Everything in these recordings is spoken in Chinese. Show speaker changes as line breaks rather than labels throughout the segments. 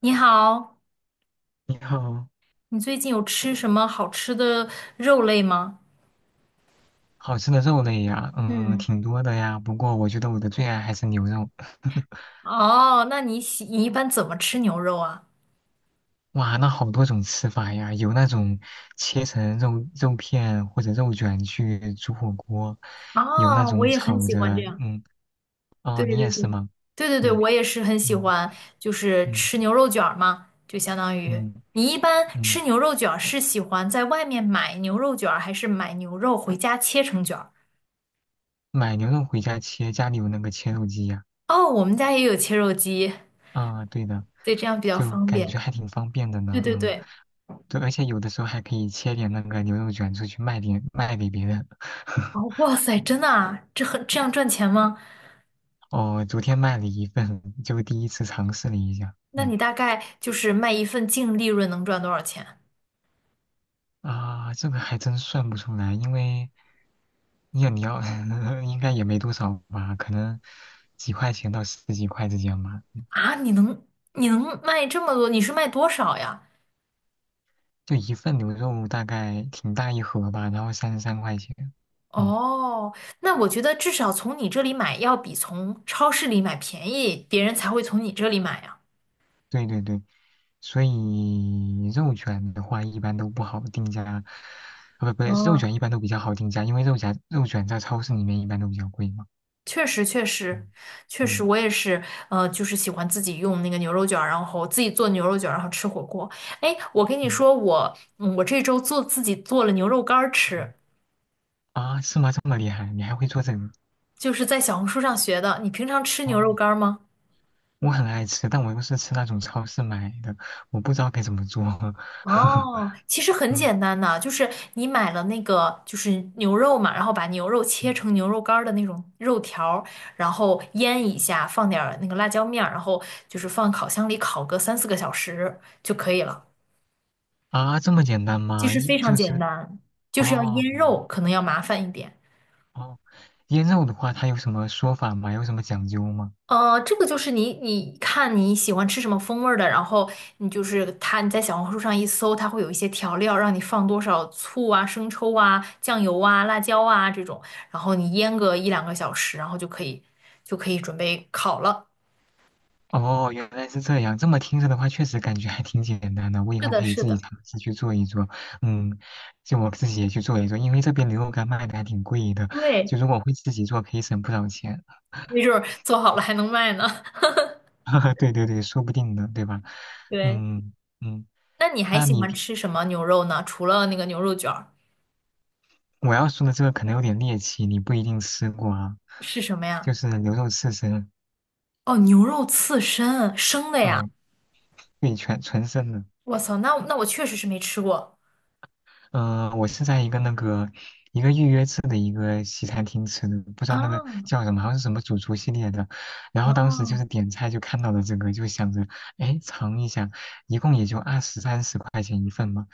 你好，
你好，
你最近有吃什么好吃的肉类吗？
好吃的肉类呀，嗯，
嗯，
挺多的呀。不过我觉得我的最爱还是牛肉。
哦，那你喜你一般怎么吃牛肉啊？
哇，那好多种吃法呀，有那种切成肉片或者肉卷去煮火锅，有那
哦，我
种
也很
炒
喜
着，
欢这样。
嗯，
对
哦，
对
你也是
对，
吗？
对对对，
对，
我也是很喜
嗯
欢，就是
嗯
吃牛肉卷儿嘛，就相当于
嗯
你一般吃
嗯，
牛肉卷儿是喜欢在外面买牛肉卷儿，还是买牛肉回家切成卷儿？
买牛肉回家切，家里有那个切肉机呀。
哦，我们家也有切肉机，
啊，对的，
对，这样比较
就
方
感觉
便。
还挺方便的
对
呢。
对
嗯。
对，
对，而且有的时候还可以切点那个牛肉卷出去卖点，卖给别人。
哦，哇塞，真的啊，这样赚钱吗？
哦，昨天卖了一份，就第一次尝试了一下。
那
嗯。
你大概就是卖一份净利润能赚多少钱
啊，这个还真算不出来，因为你要 应该也没多少吧，可能几块钱到十几块之间吧。
啊？你能卖这么多？你是卖多少呀？
就一份牛肉大概挺大一盒吧，然后33块钱。嗯。
哦，那我觉得至少从你这里买要比从超市里买便宜，别人才会从你这里买呀。
对对对，所以肉卷的话一般都不好定价，啊不，肉
嗯，
卷一般都比较好定价，因为肉夹肉卷在超市里面一般都比较贵嘛。
确实确实
嗯，
确实，
嗯
我也是，就是喜欢自己用那个牛肉卷儿，然后自己做牛肉卷儿，然后吃火锅。哎，我跟你
嗯
说，我这周做自己做了牛肉干儿
嗯，
吃，
啊，是吗？这么厉害，你还会做这个？
就是在小红书上学的。你平常吃牛肉
哦，
干儿吗？
我很爱吃，但我又是吃那种超市买的，我不知道该怎么做。
哦，其实很
嗯
简单的，就是你买了那个就是牛肉嘛，然后把牛肉
嗯，
切成牛肉干儿的那种肉条儿，然后腌一下，放点儿那个辣椒面儿，然后就是放烤箱里烤个三四个小时就可以了。
啊，这么简单
其
吗？
实
一
非常
就
简
是。
单，就是要
哦
腌肉，
嗯
可能要麻烦一点。
哦，腌肉的话，它有什么说法吗？有什么讲究吗？
这个就是你看你喜欢吃什么风味儿的，然后你就是它，你在小红书上一搜，它会有一些调料，让你放多少醋啊、生抽啊、酱油啊、辣椒啊这种，然后你腌个一两个小时，然后就可以准备烤了。
哦，原来是这样。这么听着的话，确实感觉还挺简单的。我以
是
后
的，
可以
是
自己
的，
尝试去做一做。嗯，就我自己也去做一做，因为这边牛肉干卖的还挺贵的。
对，
就如果会自己做，可以省不少钱。
没准儿做好了还能卖呢。
对对对，说不定呢，对吧？
对，
嗯嗯，
那你还
那
喜
你。
欢吃什么牛肉呢？除了那个牛肉卷儿，
我要说的这个可能有点猎奇，你不一定吃过啊。
是什么呀？
就是牛肉刺身，
哦，牛肉刺身，生的呀！
嗯、对，全纯生的。
我操，那我确实是没吃过
嗯、我是在一个预约制的一个西餐厅吃的，不知道那个
啊。
叫什么，好像是什么主厨系列的。然后当时就是
哦
点菜就看到了这个，就想着，哎，尝一下，一共也就二十三十块钱一份嘛。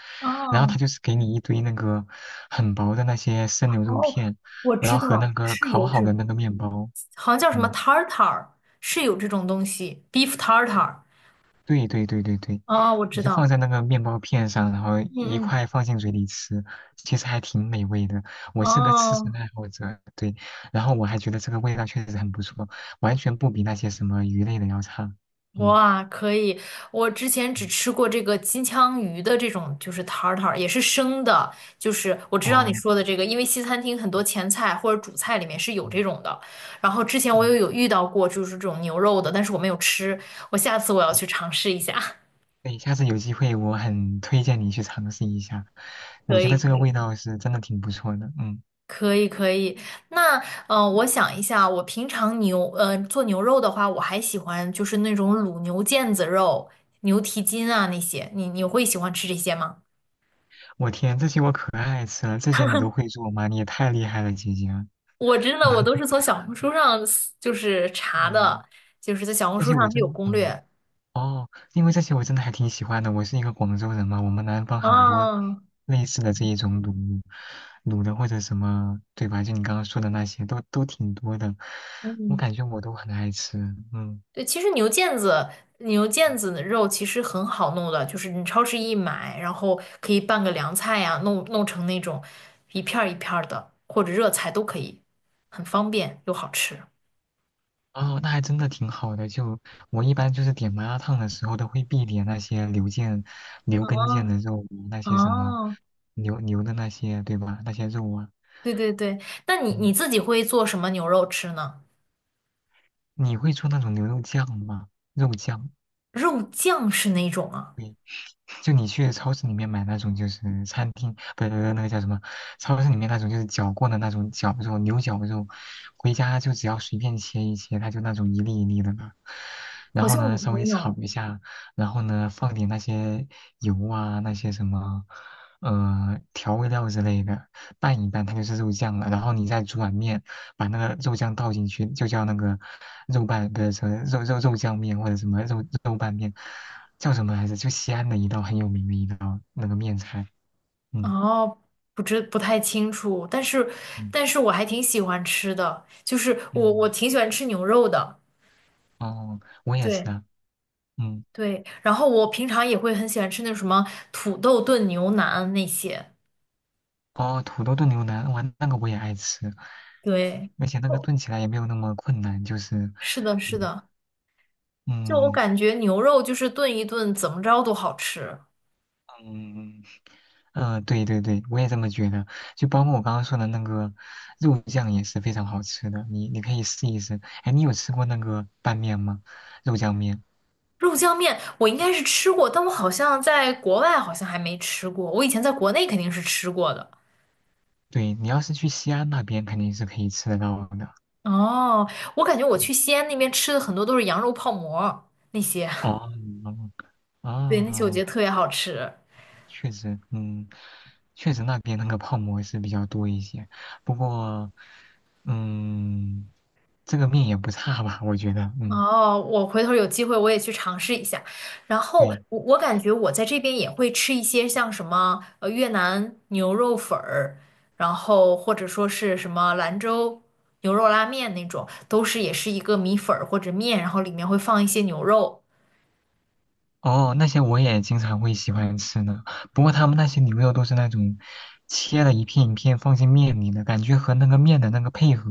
然后他
哦
就是给你一堆那个很薄的那些生牛肉
哦，
片，
我
然
知
后和那
道
个
是
烤
有
好
这
的
种，
那个面包，
好像叫什么
嗯。
tartar，是有这种东西，beef tartar。
对对对对对，
哦，我
你
知
就放
道，
在那个面包片上，然后一
嗯嗯，
块放进嘴里吃，其实还挺美味的。我是个吃神
哦，
爱好者，对，然后我还觉得这个味道确实很不错，完全不比那些什么鱼类的要差。嗯，
哇，可以。我之前
嗯，
只吃过这个金枪鱼的这种，就是 tartar，也是生的。就是我知道你
哦，
说的这个，因为西餐厅很多前菜或者主菜里面是有这
嗯
种的。然后之前我
嗯，
也有遇到过，就是这种牛肉的，但是我没有吃。我下次要
好，
去尝试一下。
对，下次有机会我很推荐你去尝试一下，我
可
觉
以，
得这
可
个
以。
味道是真的挺不错的。嗯，
可以可以，那我想一下，我平常做牛肉的话，我还喜欢就是那种卤牛腱子肉、牛蹄筋啊那些，你会喜欢吃这些吗？
我天，这些我可爱吃了，这些你都会做吗？你也太厉害了，姐姐啊。
我真的我都是 从小红书上就是查
嗯，
的，就是在小红
这
书
些
上
我
它有
真。
攻
嗯。
略。
哦，因为这些我真的还挺喜欢的。我是一个广州人嘛，我们南方很多
啊，
类似的这一种卤的或者什么，对吧？就你刚刚说的那些，都挺多的。我
嗯，
感觉我都很爱吃，嗯。
对，其实牛腱子的肉其实很好弄的，就是你超市一买，然后可以拌个凉菜呀、弄成那种一片儿一片儿的，或者热菜都可以，很方便又好吃。
哦，那还真的挺好的。就我一般就是点麻辣烫的时候，都会必点那些牛腱、牛跟腱
哦
的肉啊，那些什么
哦，
牛的那些，对吧？那些肉啊，
对对对，那你
嗯，
自己会做什么牛肉吃呢？
你会做那种牛肉酱吗？肉酱。
肉酱是哪种啊？
对，就你去超市里面买那种就是餐厅，不是那个叫什么，超市里面那种就是绞过的那种绞肉，牛绞肉，回家就只要随便切一切，它就那种一粒一粒的嘛。然
好
后
像
呢，
我
稍
没
微炒
有。
一下，然后呢，放点那些油啊，那些什么，调味料之类的，拌一拌，它就是肉酱了。然后你再煮碗面，把那个肉酱倒进去，就叫那个肉拌，不是什么肉酱面或者什么肉拌面。叫什么来着？就西安的一道很有名的一道那个面菜。嗯，
哦，不太清楚，
嗯
但是我还挺喜欢吃的，就是我
嗯，
挺喜欢吃牛肉的。
哦，我也是
对。
啊。嗯，
对，然后我平常也会很喜欢吃那什么土豆炖牛腩那些。
哦，土豆炖牛腩，哇，那个我也爱吃，
对，
而且那个
哦，
炖起来也没有那么困难，就是，
是的，是
嗯
的，就我
嗯
感觉牛肉就是炖一炖，怎么着都好吃。
嗯，嗯，对对对，我也这么觉得。就包括我刚刚说的那个肉酱也是非常好吃的，你你可以试一试。哎，你有吃过那个拌面吗？肉酱面？
肉酱面我应该是吃过，但我好像在国外好像还没吃过。我以前在国内肯定是吃过的。
对，你要是去西安那边肯定是可以吃得到的。
哦，我感觉我
嗯，
去西安那边吃的很多都是羊肉泡馍那些，
哦，
对，那些我觉
哦，
得特别好吃。
确实，嗯，确实那边那个泡馍是比较多一些，不过，嗯，这个面也不差吧，我觉得，嗯，
哦，我回头有机会我也去尝试一下。然后
对，
我我感觉我在这边也会吃一些像什么越南牛肉粉儿，然后或者说是什么兰州牛肉拉面那种，都是也是一个米粉儿或者面，然后里面会放一些牛肉。
哦，那些我也经常会喜欢吃呢。不过他们那些牛肉都是那种切了一片一片放进面里的，感觉和那个面的那个配合，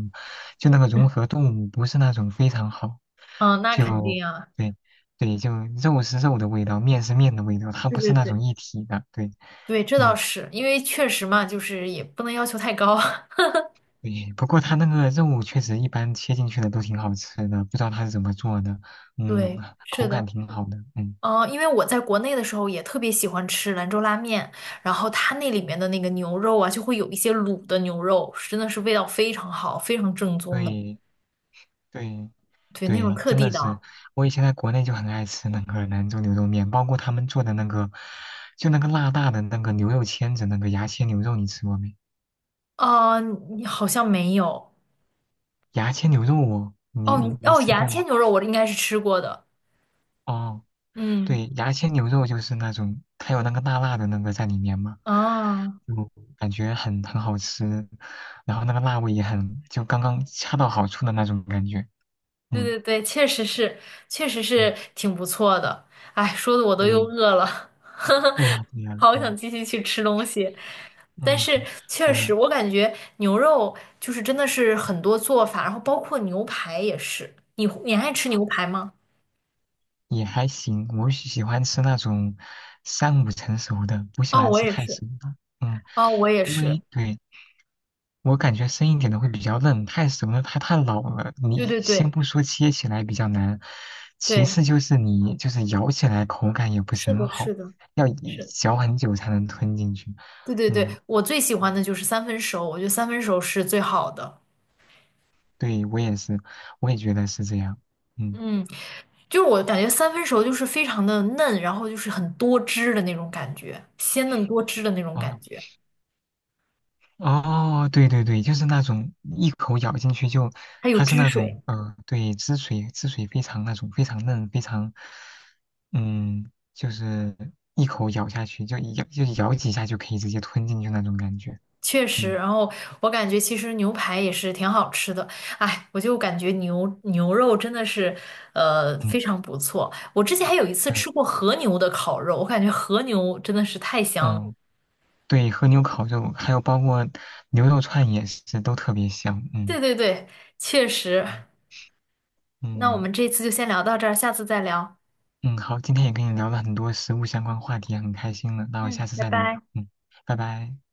就那个融合度不是那种非常好。
嗯，那肯
就
定啊，
对对，就肉是肉的味道，面是面的味道，它
对
不
对
是那
对
种一体的。对，
对，这倒
嗯，
是，因为确实嘛，就是也不能要求太高。
对。不过它那个肉确实一般切进去的都挺好吃的，不知道它是怎么做的。嗯，
对，是
口感
的。
挺好的。嗯，
嗯，因为我在国内的时候也特别喜欢吃兰州拉面，然后它那里面的那个牛肉啊，就会有一些卤的牛肉，真的是味道非常好，非常正宗的，
对对。
对，那种
对，
特
真
地
的是，
的。
我以前在国内就很爱吃那个兰州牛肉面，包括他们做的那个，就那个辣辣的那个牛肉签子，那个牙签牛肉，你吃过没？
你好像没有
牙签牛肉我，你没
哦，
吃
牙
过
签
吗？
牛肉我应该是吃过的，
哦，
嗯，
对，牙签牛肉就是那种，它有那个辣辣的那个在里面嘛，
啊。
就感觉很好吃，然后那个辣味也很，就刚刚恰到好处的那种感觉。
对
嗯，
对对，确实是，确实
嗯，
是挺不错的。哎，说的我都又
对，
饿了，呵呵，
对呀对呀，
好想
嗯
继续去吃东西。但
嗯，
是确
还有。
实，我感觉牛肉就是真的是很多做法，然后包括牛排也是。你爱吃牛排吗？
也还行，我喜欢吃那种三五成熟的，不喜
哦，
欢
我
吃
也
太
是。
熟的。嗯，
哦，我也
因
是。
为对我感觉生一点的会比较嫩，太熟了它太老了。
对
你
对
先
对
不说切起来比较难，其
对，
次就是你就是咬起来口感也不是
是
很
的，
好，
是的，
要一
是。
嚼很久才能吞进去。
对对对，
嗯，
我最喜欢的就是三分熟，我觉得三分熟是最好的。
对，我也是，我也觉得是这样。嗯，
嗯。就是我感觉三分熟就是非常的嫩，然后就是很多汁的那种感觉，鲜嫩多汁的那种感
哦，
觉，
哦，对对对，就是那种一口咬进去就，
它有
它是
汁
那种，
水，
对，汁水非常那种非常嫩，非常，嗯，就是一口咬下去就一咬就咬几下就可以直接吞进去那种感觉。
确实。
嗯，
然后我感觉其实牛排也是挺好吃的，哎，我就感觉牛肉真的是
嗯，
非常不错。我之前还有一次吃
对，
过和牛的烤肉，我感觉和牛真的是太香了。
嗯。对，和牛烤肉还有包括牛肉串也是都特别香。嗯
对对对，确实。那我
嗯
们这次就先聊到这儿，下次再聊。
嗯，好，今天也跟你聊了很多食物相关话题，很开心了。那我
嗯，
下次
拜
再聊。
拜。
嗯，拜拜。